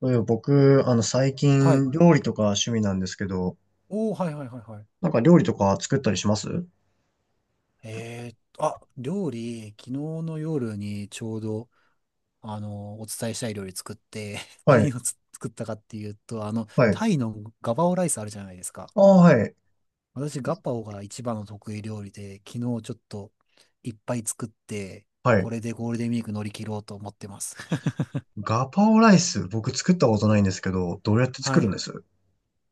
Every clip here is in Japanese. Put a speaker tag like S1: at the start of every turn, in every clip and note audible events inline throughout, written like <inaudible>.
S1: そういえば僕、最
S2: はい。
S1: 近、料理とか趣味なんですけど、
S2: おお、はいはいはいはい。
S1: なんか料理とか作ったりします。
S2: あ、料理、昨日の夜にちょうど、お伝えしたい料理作って、<laughs>
S1: はい、
S2: 何を作ったかっていうと、
S1: はい。
S2: タイのガパオライスあるじゃないですか。
S1: ああ、はい、
S2: 私、ガパオが一番の得意料理で、昨日ちょっといっぱい作って、
S1: はい。
S2: これでゴールデンウィーク乗り切ろうと思ってます。<laughs>
S1: ガパオライス、僕作ったことないんですけど、どうやって
S2: は
S1: 作るん
S2: い。
S1: です？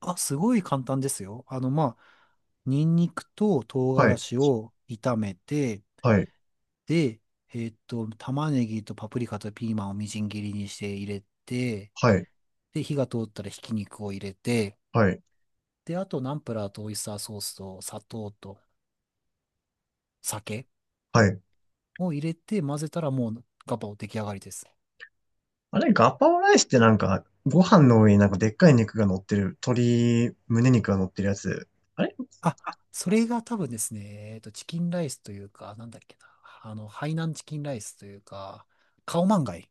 S2: あ、すごい簡単ですよ。まあ、ニンニクと唐
S1: は
S2: 辛
S1: い、
S2: 子を炒めて、
S1: はい、
S2: で、玉ねぎとパプリカとピーマンをみじん切りにして入れて、
S1: はい、
S2: で、火が通ったらひき肉を入れて、
S1: はい、
S2: で、あとナンプラーとオイスターソースと砂糖と酒
S1: はい。
S2: を入れて混ぜたらもうガパオ出来上がりです。
S1: あれ、ガパオライスってなんか、ご飯の上になんかでっかい肉が乗ってる、鶏胸肉が乗ってるやつ。あれ、
S2: あ、
S1: あ、
S2: それが多分ですね、チキンライスというか、なんだっけな、ハイナンチキンライスというか、カオマンガイ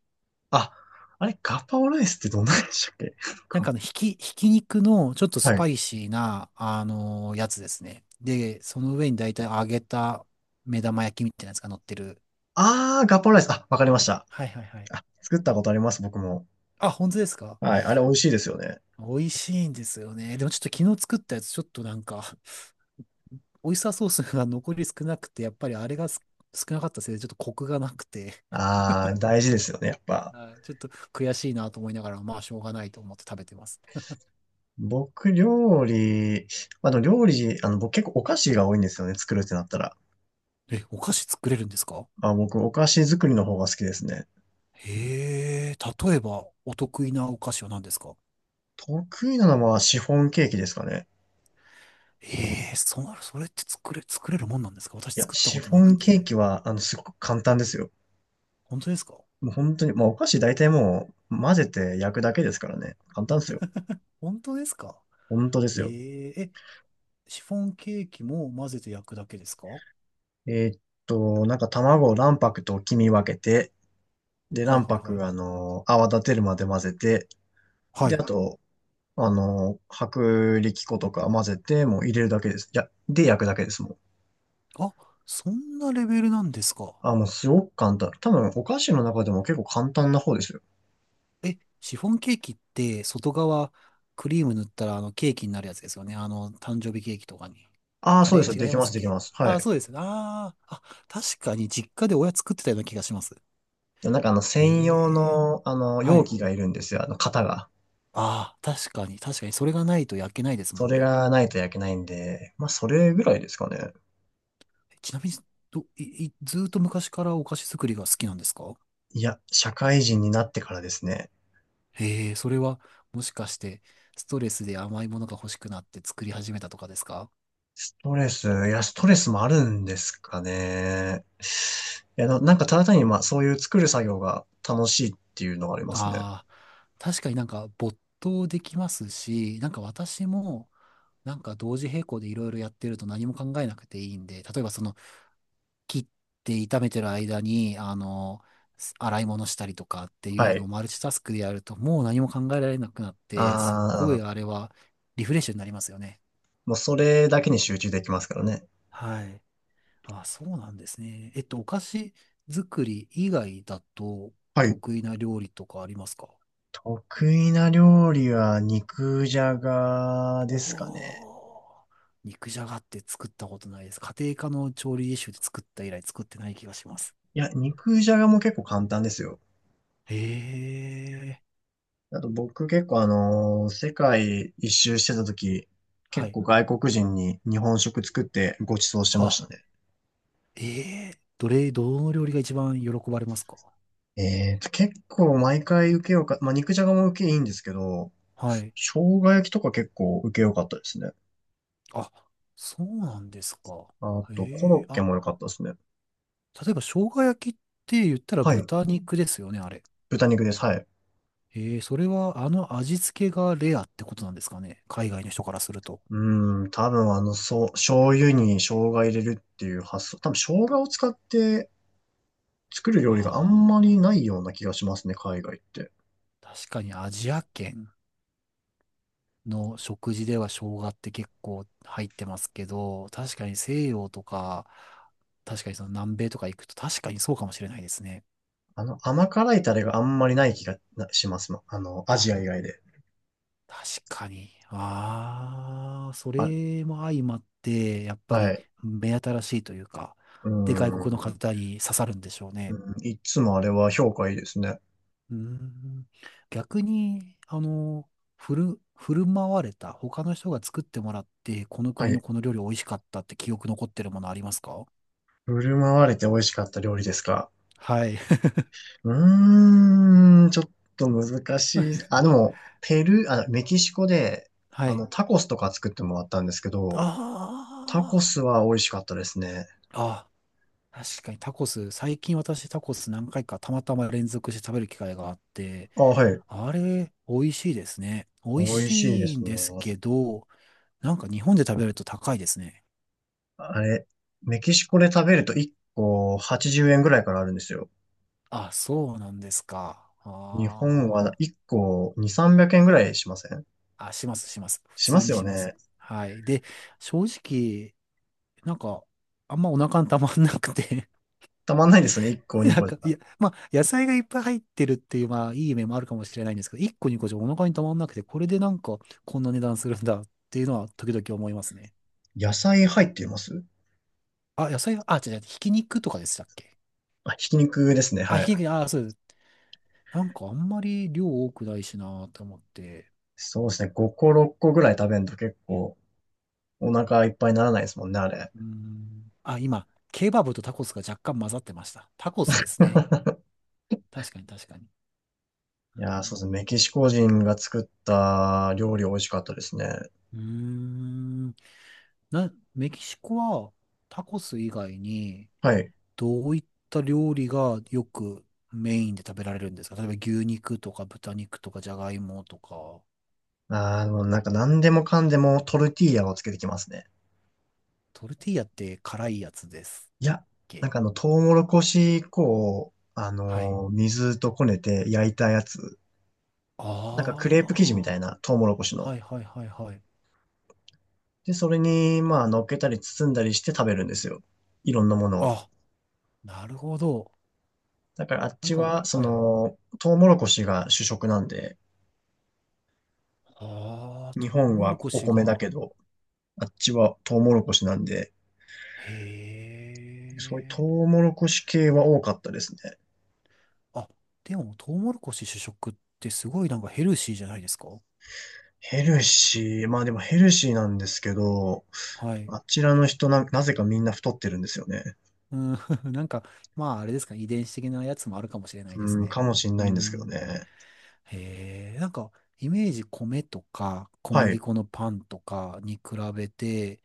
S1: あ、あれ、ガパオライスってどんなんでしたっけ？ <laughs>
S2: なん
S1: ガ
S2: かひき肉のちょっとス
S1: はい。
S2: パイシーな、やつですね。で、その上に大体揚げた目玉焼きみたいなやつが乗ってる。
S1: ああ、ガパオライス。あ、わかりました。
S2: はいはいはい。
S1: あ、作ったことあります、僕も。
S2: あ、本当ですか？
S1: はい、あれ美味しいですよね。
S2: 美味しいんですよね。でもちょっと昨日作ったやつ、ちょっとなんか、オイスターソースが残り少なくて、やっぱりあれが少なかったせいで、ちょっとコクがなくて、
S1: ああ、大事ですよね、やっぱ。
S2: はいちょっと悔しいなと思いながら、まあしょうがないと思って食べてます。
S1: 僕、料理、まあ、でも料理、僕結構お菓子が多いんですよね、作るってなったら。
S2: え、お菓子作れるんですか？
S1: まあ、僕、お菓子作りの方が好きですね。
S2: へえ、例えばお得意なお菓子は何ですか？
S1: 得意なのはシフォンケーキですかね。
S2: ええーそれって作れるもんなんですか？私
S1: いや、
S2: 作った
S1: シ
S2: こと
S1: フォ
S2: なく
S1: ンケー
S2: て。
S1: キは、すごく簡単ですよ。
S2: 本当ですか？
S1: もう本当に、まあ、お菓子大体もう、混ぜて焼くだけですからね。簡単ですよ。
S2: 本当ですか？
S1: 本当です
S2: え
S1: よ。
S2: えーえ、シフォンケーキも混ぜて焼くだけですか？は
S1: えーっなんか卵を卵白と黄身分けて、で、
S2: いはい
S1: 卵
S2: はい
S1: 白、
S2: はい。
S1: 泡立てるまで混ぜて、
S2: は
S1: で、
S2: い。
S1: あと、薄力粉とか混ぜて、もう入れるだけです。いや、で焼くだけですもん。
S2: あ、そんなレベルなんですか？
S1: あ、もうすごく簡単。多分、お菓子の中でも結構簡単な方ですよ。
S2: え、シフォンケーキって外側クリーム塗ったらあのケーキになるやつですよね。あの誕生日ケーキとかに。
S1: ああ、
S2: あ
S1: そう
S2: れ
S1: です。
S2: 違
S1: で
S2: い
S1: き
S2: ま
S1: ま
S2: す
S1: す、
S2: っ
S1: でき
S2: け？
S1: ます。は
S2: あ、
S1: い。
S2: そうですね。あーあ、確かに実家で親作ってたような気がします。
S1: でなんか
S2: え
S1: 専用
S2: え
S1: の、
S2: は
S1: 容
S2: い。
S1: 器がいるんですよ。あの、型が。
S2: ああ、確かに、確かに、それがないと焼けないです
S1: そ
S2: もん
S1: れ
S2: ね。
S1: がないと焼けないんで、まあ、それぐらいですかね。
S2: ちなみに、いずーっと昔からお菓子作りが好きなんですか？
S1: いや、社会人になってからですね。
S2: へえ、それは、もしかして、ストレスで甘いものが欲しくなって作り始めたとかですか？
S1: ストレス、いや、ストレスもあるんですかね。いや、なんかただ単に、まあ、そういう作る作業が楽しいっていうのがありますね。
S2: ああー、確かになんか没頭できますし、なんか私も、なんか同時並行でいろいろやってると何も考えなくていいんで、例えば切って炒めてる間に、洗い物したりとかってい
S1: は
S2: うの
S1: い。
S2: をマルチタスクでやると、もう何も考えられなくなって、すっご
S1: あ
S2: い
S1: あ、
S2: あれはリフレッシュになりますよね。
S1: もうそれだけに集中できますからね。
S2: はい。あ、そうなんですね。お菓子作り以外だと
S1: はい。
S2: 得意な料理とかありますか？
S1: 得意な料理は肉じゃが
S2: お
S1: ですかね。
S2: おー、肉じゃがって作ったことないです。家庭科の調理実習で作った以来作ってない気がします。
S1: いや、肉じゃがも結構簡単ですよ。
S2: へえ。
S1: あと僕結構世界一周してた時、
S2: は
S1: 結
S2: い。
S1: 構外国人に日本食作ってご馳走してまし
S2: あ、
S1: たね。
S2: えどの料理が一番喜ばれますか？
S1: えーと、結構毎回受けようか、まあ、肉じゃがも受けいいんですけど、
S2: はい。
S1: 生姜焼きとか結構受けよかったですね。
S2: あ、そうなんですか。
S1: あと、コ
S2: え
S1: ロ
S2: え
S1: ッケ
S2: あ、
S1: も良かったですね。
S2: 例えば生姜焼きって言ったら
S1: はい。
S2: 豚肉ですよね、あれ。
S1: 豚肉です。はい。
S2: ええそれは味付けがレアってことなんですかね、海外の人からすると。
S1: うん、多分そう、醤油に生姜入れるっていう発想。多分生姜を使って作る料理があんまり
S2: あ
S1: ないような気がしますね、海外って。
S2: あ、確かにアジア圏の食事では生姜って結構入ってますけど、確かに西洋とか、確かにその南米とか行くと確かにそうかもしれないですね。
S1: 甘辛いタレがあんまりない気がなしますもん。あの、ア
S2: あ
S1: ジア以外で。
S2: 確かに。ああ、そ
S1: あ、
S2: れも相まって、やっぱ
S1: は
S2: り
S1: い。
S2: 目新しいというか、
S1: うー
S2: で、外国の
S1: ん。
S2: 方に刺さるんでしょう
S1: う
S2: ね。
S1: んいつもあれは評価いいですね。
S2: うーん。逆に、振る舞われた、他の人が作ってもらって、この
S1: は
S2: 国の
S1: い。
S2: この料理美味しかったって記憶残ってるものありますか？
S1: 振る舞われて美味しかった料理ですか。
S2: はい。
S1: うーん、ちょっと難しい。あ、でも、ペルー、あ、メキシコで、
S2: <laughs> はい。
S1: タコスとか作ってもらったんですけど、タコ
S2: あ
S1: スは美味しかったですね。
S2: あ、ああ、確かにタコス、最近私タコス何回かたまたま連続して食べる機会があって、
S1: あ、はい。
S2: あれ、美味しいですね。美
S1: 美
S2: 味
S1: 味しいで
S2: しい
S1: す
S2: んで
S1: ね。
S2: すけど、なんか日本で食べると高いですね。
S1: あれ、メキシコで食べると1個80円ぐらいからあるんですよ。
S2: あ、そうなんですか。
S1: 日本は
S2: あ
S1: 1個2、300円ぐらいしません？
S2: ーあ、します、します。普
S1: しま
S2: 通
S1: す
S2: に
S1: よ
S2: します。
S1: ね。
S2: はい。で、正直、なんか、あんまお腹にたまんなくて
S1: たまんないですね。1
S2: <laughs>
S1: 個、2
S2: なん
S1: 個じ
S2: か、い
S1: ゃ。
S2: や、まあ、野菜がいっぱい入ってるっていう、まあ、いい面もあるかもしれないんですけど、1個2個じゃお腹にたまんなくて、これでなんか、こんな値段するんだっていうのは、時々思いますね。
S1: 野菜入っています？
S2: あ、野菜、あ、違う違う、ひき肉とかでしたっけ？
S1: あ、ひき肉ですね。
S2: あ、
S1: は
S2: ひ
S1: い。
S2: き肉、あ、そうです。なんかあんまり量多くないしなーって思って。
S1: そうですね。5個、6個ぐらい食べんと結構お腹いっぱいにならないですもんね、あれ。
S2: うーん。あ、今、ケバブとタコスが若干混ざってました。タコスですね。確かに確かに。う
S1: い
S2: ー
S1: やー、そうです
S2: ん。
S1: ね。メキシコ人が作った料理美味しかったですね。
S2: うーんな、メキシコはタコス以外に
S1: はい。
S2: どういった料理がよくメインで食べられるんですか？例えば牛肉とか豚肉とかじゃがいもとか。
S1: ああ、もうなんか何でもかんでもトルティーヤをつけてきますね。
S2: トルティーヤって辛いやつです。
S1: い
S2: だっ
S1: や、なん
S2: け？
S1: かトウモロコシ粉を、
S2: はい。
S1: 水とこねて焼いたやつ。なんかクレープ生地みた
S2: あ
S1: いな、トウモロコシ
S2: あ。
S1: の。
S2: はいはいはいはい。
S1: で、それに、まあ、乗っけたり包んだりして食べるんですよ。いろんなものを。
S2: あ、なるほど。
S1: だからあっ
S2: なん
S1: ち
S2: か、
S1: は、そ
S2: はいはい。
S1: の、トウモロコシが主食なんで、
S2: ああ、
S1: 日
S2: トウ
S1: 本
S2: モ
S1: は
S2: ロコ
S1: お
S2: シ
S1: 米だ
S2: が。
S1: けど、あっちはトウモロコシなんで、そういう
S2: へ
S1: ト
S2: え。
S1: ウモロコシ系は多かったですね。
S2: あ、でも、トウモロコシ主食ってすごいなんかヘルシーじゃないですか？
S1: ヘルシー。まあでもヘルシーなんですけど、
S2: はい。
S1: あちらの人な、なぜかみんな太ってるんですよね。
S2: うん、<laughs> なんか、まあ、あれですか、遺伝子的なやつもあるかもしれないです
S1: うん、
S2: ね。
S1: かもしん
S2: う
S1: ないんですけど
S2: ん。
S1: ね。
S2: へえ、なんか、イメージ米とか小
S1: は
S2: 麦
S1: い。
S2: 粉のパンとかに比べて、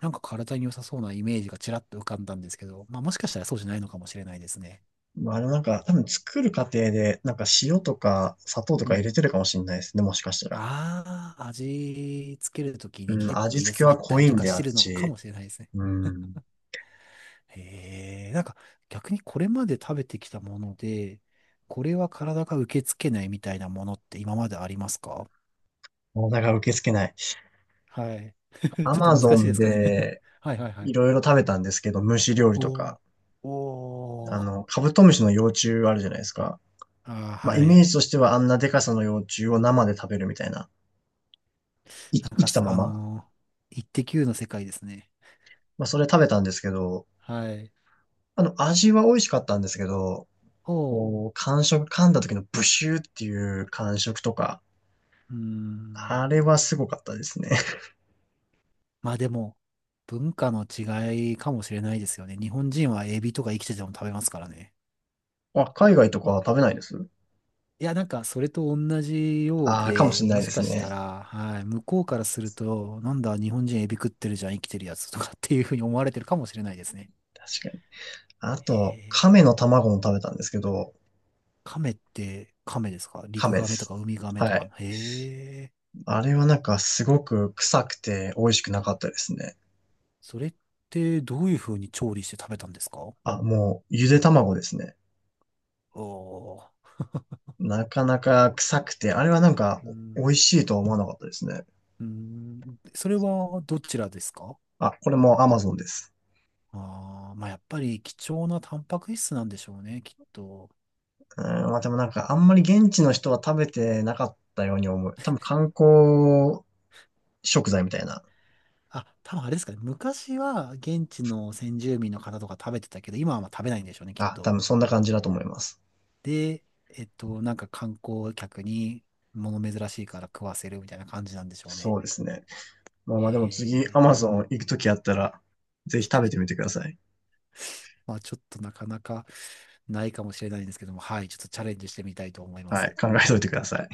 S2: なんか体に良さそうなイメージがちらっと浮かんだんですけど、まあもしかしたらそうじゃないのかもしれないですね。
S1: まあ、多分作る過程で、なんか塩とか砂糖と
S2: う
S1: か入れ
S2: ん。
S1: てるかもしんないですね、もしかしたら。
S2: ああ、味つけるとき
S1: う
S2: に
S1: ん、
S2: 結構
S1: 味
S2: 入れ
S1: 付け
S2: す
S1: は
S2: ぎた
S1: 濃
S2: り
S1: い
S2: と
S1: ん
S2: か
S1: で、
S2: し
S1: あ
S2: て
S1: っ
S2: るのか
S1: ち。
S2: もしれないですね。
S1: うん、
S2: へえ、なんか逆にこれまで食べてきたもので、これは体が受け付けないみたいなものって今までありますか？
S1: 体が受け付けない。
S2: はい。<laughs> ちょっ
S1: ア
S2: と
S1: マ
S2: 難
S1: ゾ
S2: しいで
S1: ン
S2: すかね？
S1: で、
S2: <laughs> はいはいは
S1: い
S2: い。
S1: ろいろ食べたんですけど、虫料理と
S2: おー。
S1: か。
S2: おー。
S1: カブトムシの幼虫あるじゃないですか。
S2: あー
S1: まあ、
S2: は
S1: イメ
S2: い。
S1: ージとしてはあんなでかさの幼虫を生で食べるみたいな。い
S2: なん
S1: 生
S2: か
S1: きた
S2: す、
S1: ま
S2: あ
S1: ま、
S2: のー、イッテ Q の世界ですね。
S1: まあ、それ食べたんですけど、
S2: はい。
S1: 味は美味しかったんですけど、
S2: おー。
S1: こう、感触、噛んだ時のブシューっていう感触とか、
S2: うー
S1: あ
S2: ん。
S1: れはすごかったですね。<laughs>
S2: まあでも、文化の違いかもしれないですよね。日本人はエビとか生きてても食べますからね。
S1: あ、海外とかは食べないです？
S2: いや、なんか、それと同じよう
S1: ああ、かもし
S2: で、
S1: れない
S2: も
S1: で
S2: し
S1: す
S2: かした
S1: ね。
S2: ら、はい、向こうからすると、なんだ、日本人エビ食ってるじゃん、生きてるやつとかっていうふうに思われてるかもしれないですね。
S1: 確かに。あ
S2: へ
S1: と、
S2: え。
S1: 亀の卵も食べたんですけど、
S2: 亀って亀ですか？
S1: 亀
S2: 陸
S1: で
S2: 亀とか
S1: す。
S2: 海亀と
S1: は
S2: か
S1: い。
S2: の。へえ。
S1: あれはなんかすごく臭くて美味しくなかったですね。
S2: それってどういうふうに調理して食べたんですか？お
S1: あ、もう、ゆで卵ですね。
S2: ー。
S1: なかなか臭くて、あれはなんか
S2: う
S1: 美
S2: ん。
S1: 味しいとは思わなかったですね。
S2: うん。それはどちらですか？
S1: あ、これも Amazon です。
S2: ああ、まあやっぱり貴重なタンパク質なんでしょうね、きっと。
S1: うん、まあでもなんかあんまり現地の人は食べてなかったように思う。多分観光食材みたいな。
S2: あ、多分あれですかね。昔は現地の先住民の方とか食べてたけど、今はまあ食べないんでしょうね、きっ
S1: あ、多
S2: と。
S1: 分そんな感じだと思います。
S2: で、なんか観光客に物珍しいから食わせるみたいな感じなんでしょう
S1: そ
S2: ね。
S1: うですね。まあまあ
S2: へ
S1: でも次
S2: え。
S1: Amazon 行くときあったら、ぜひ食べてみてください。
S2: まあちょっとなかなかないかもしれないんですけども、はい、ちょっとチャレンジしてみたいと思いま
S1: はい、
S2: す。
S1: 考えておいてください。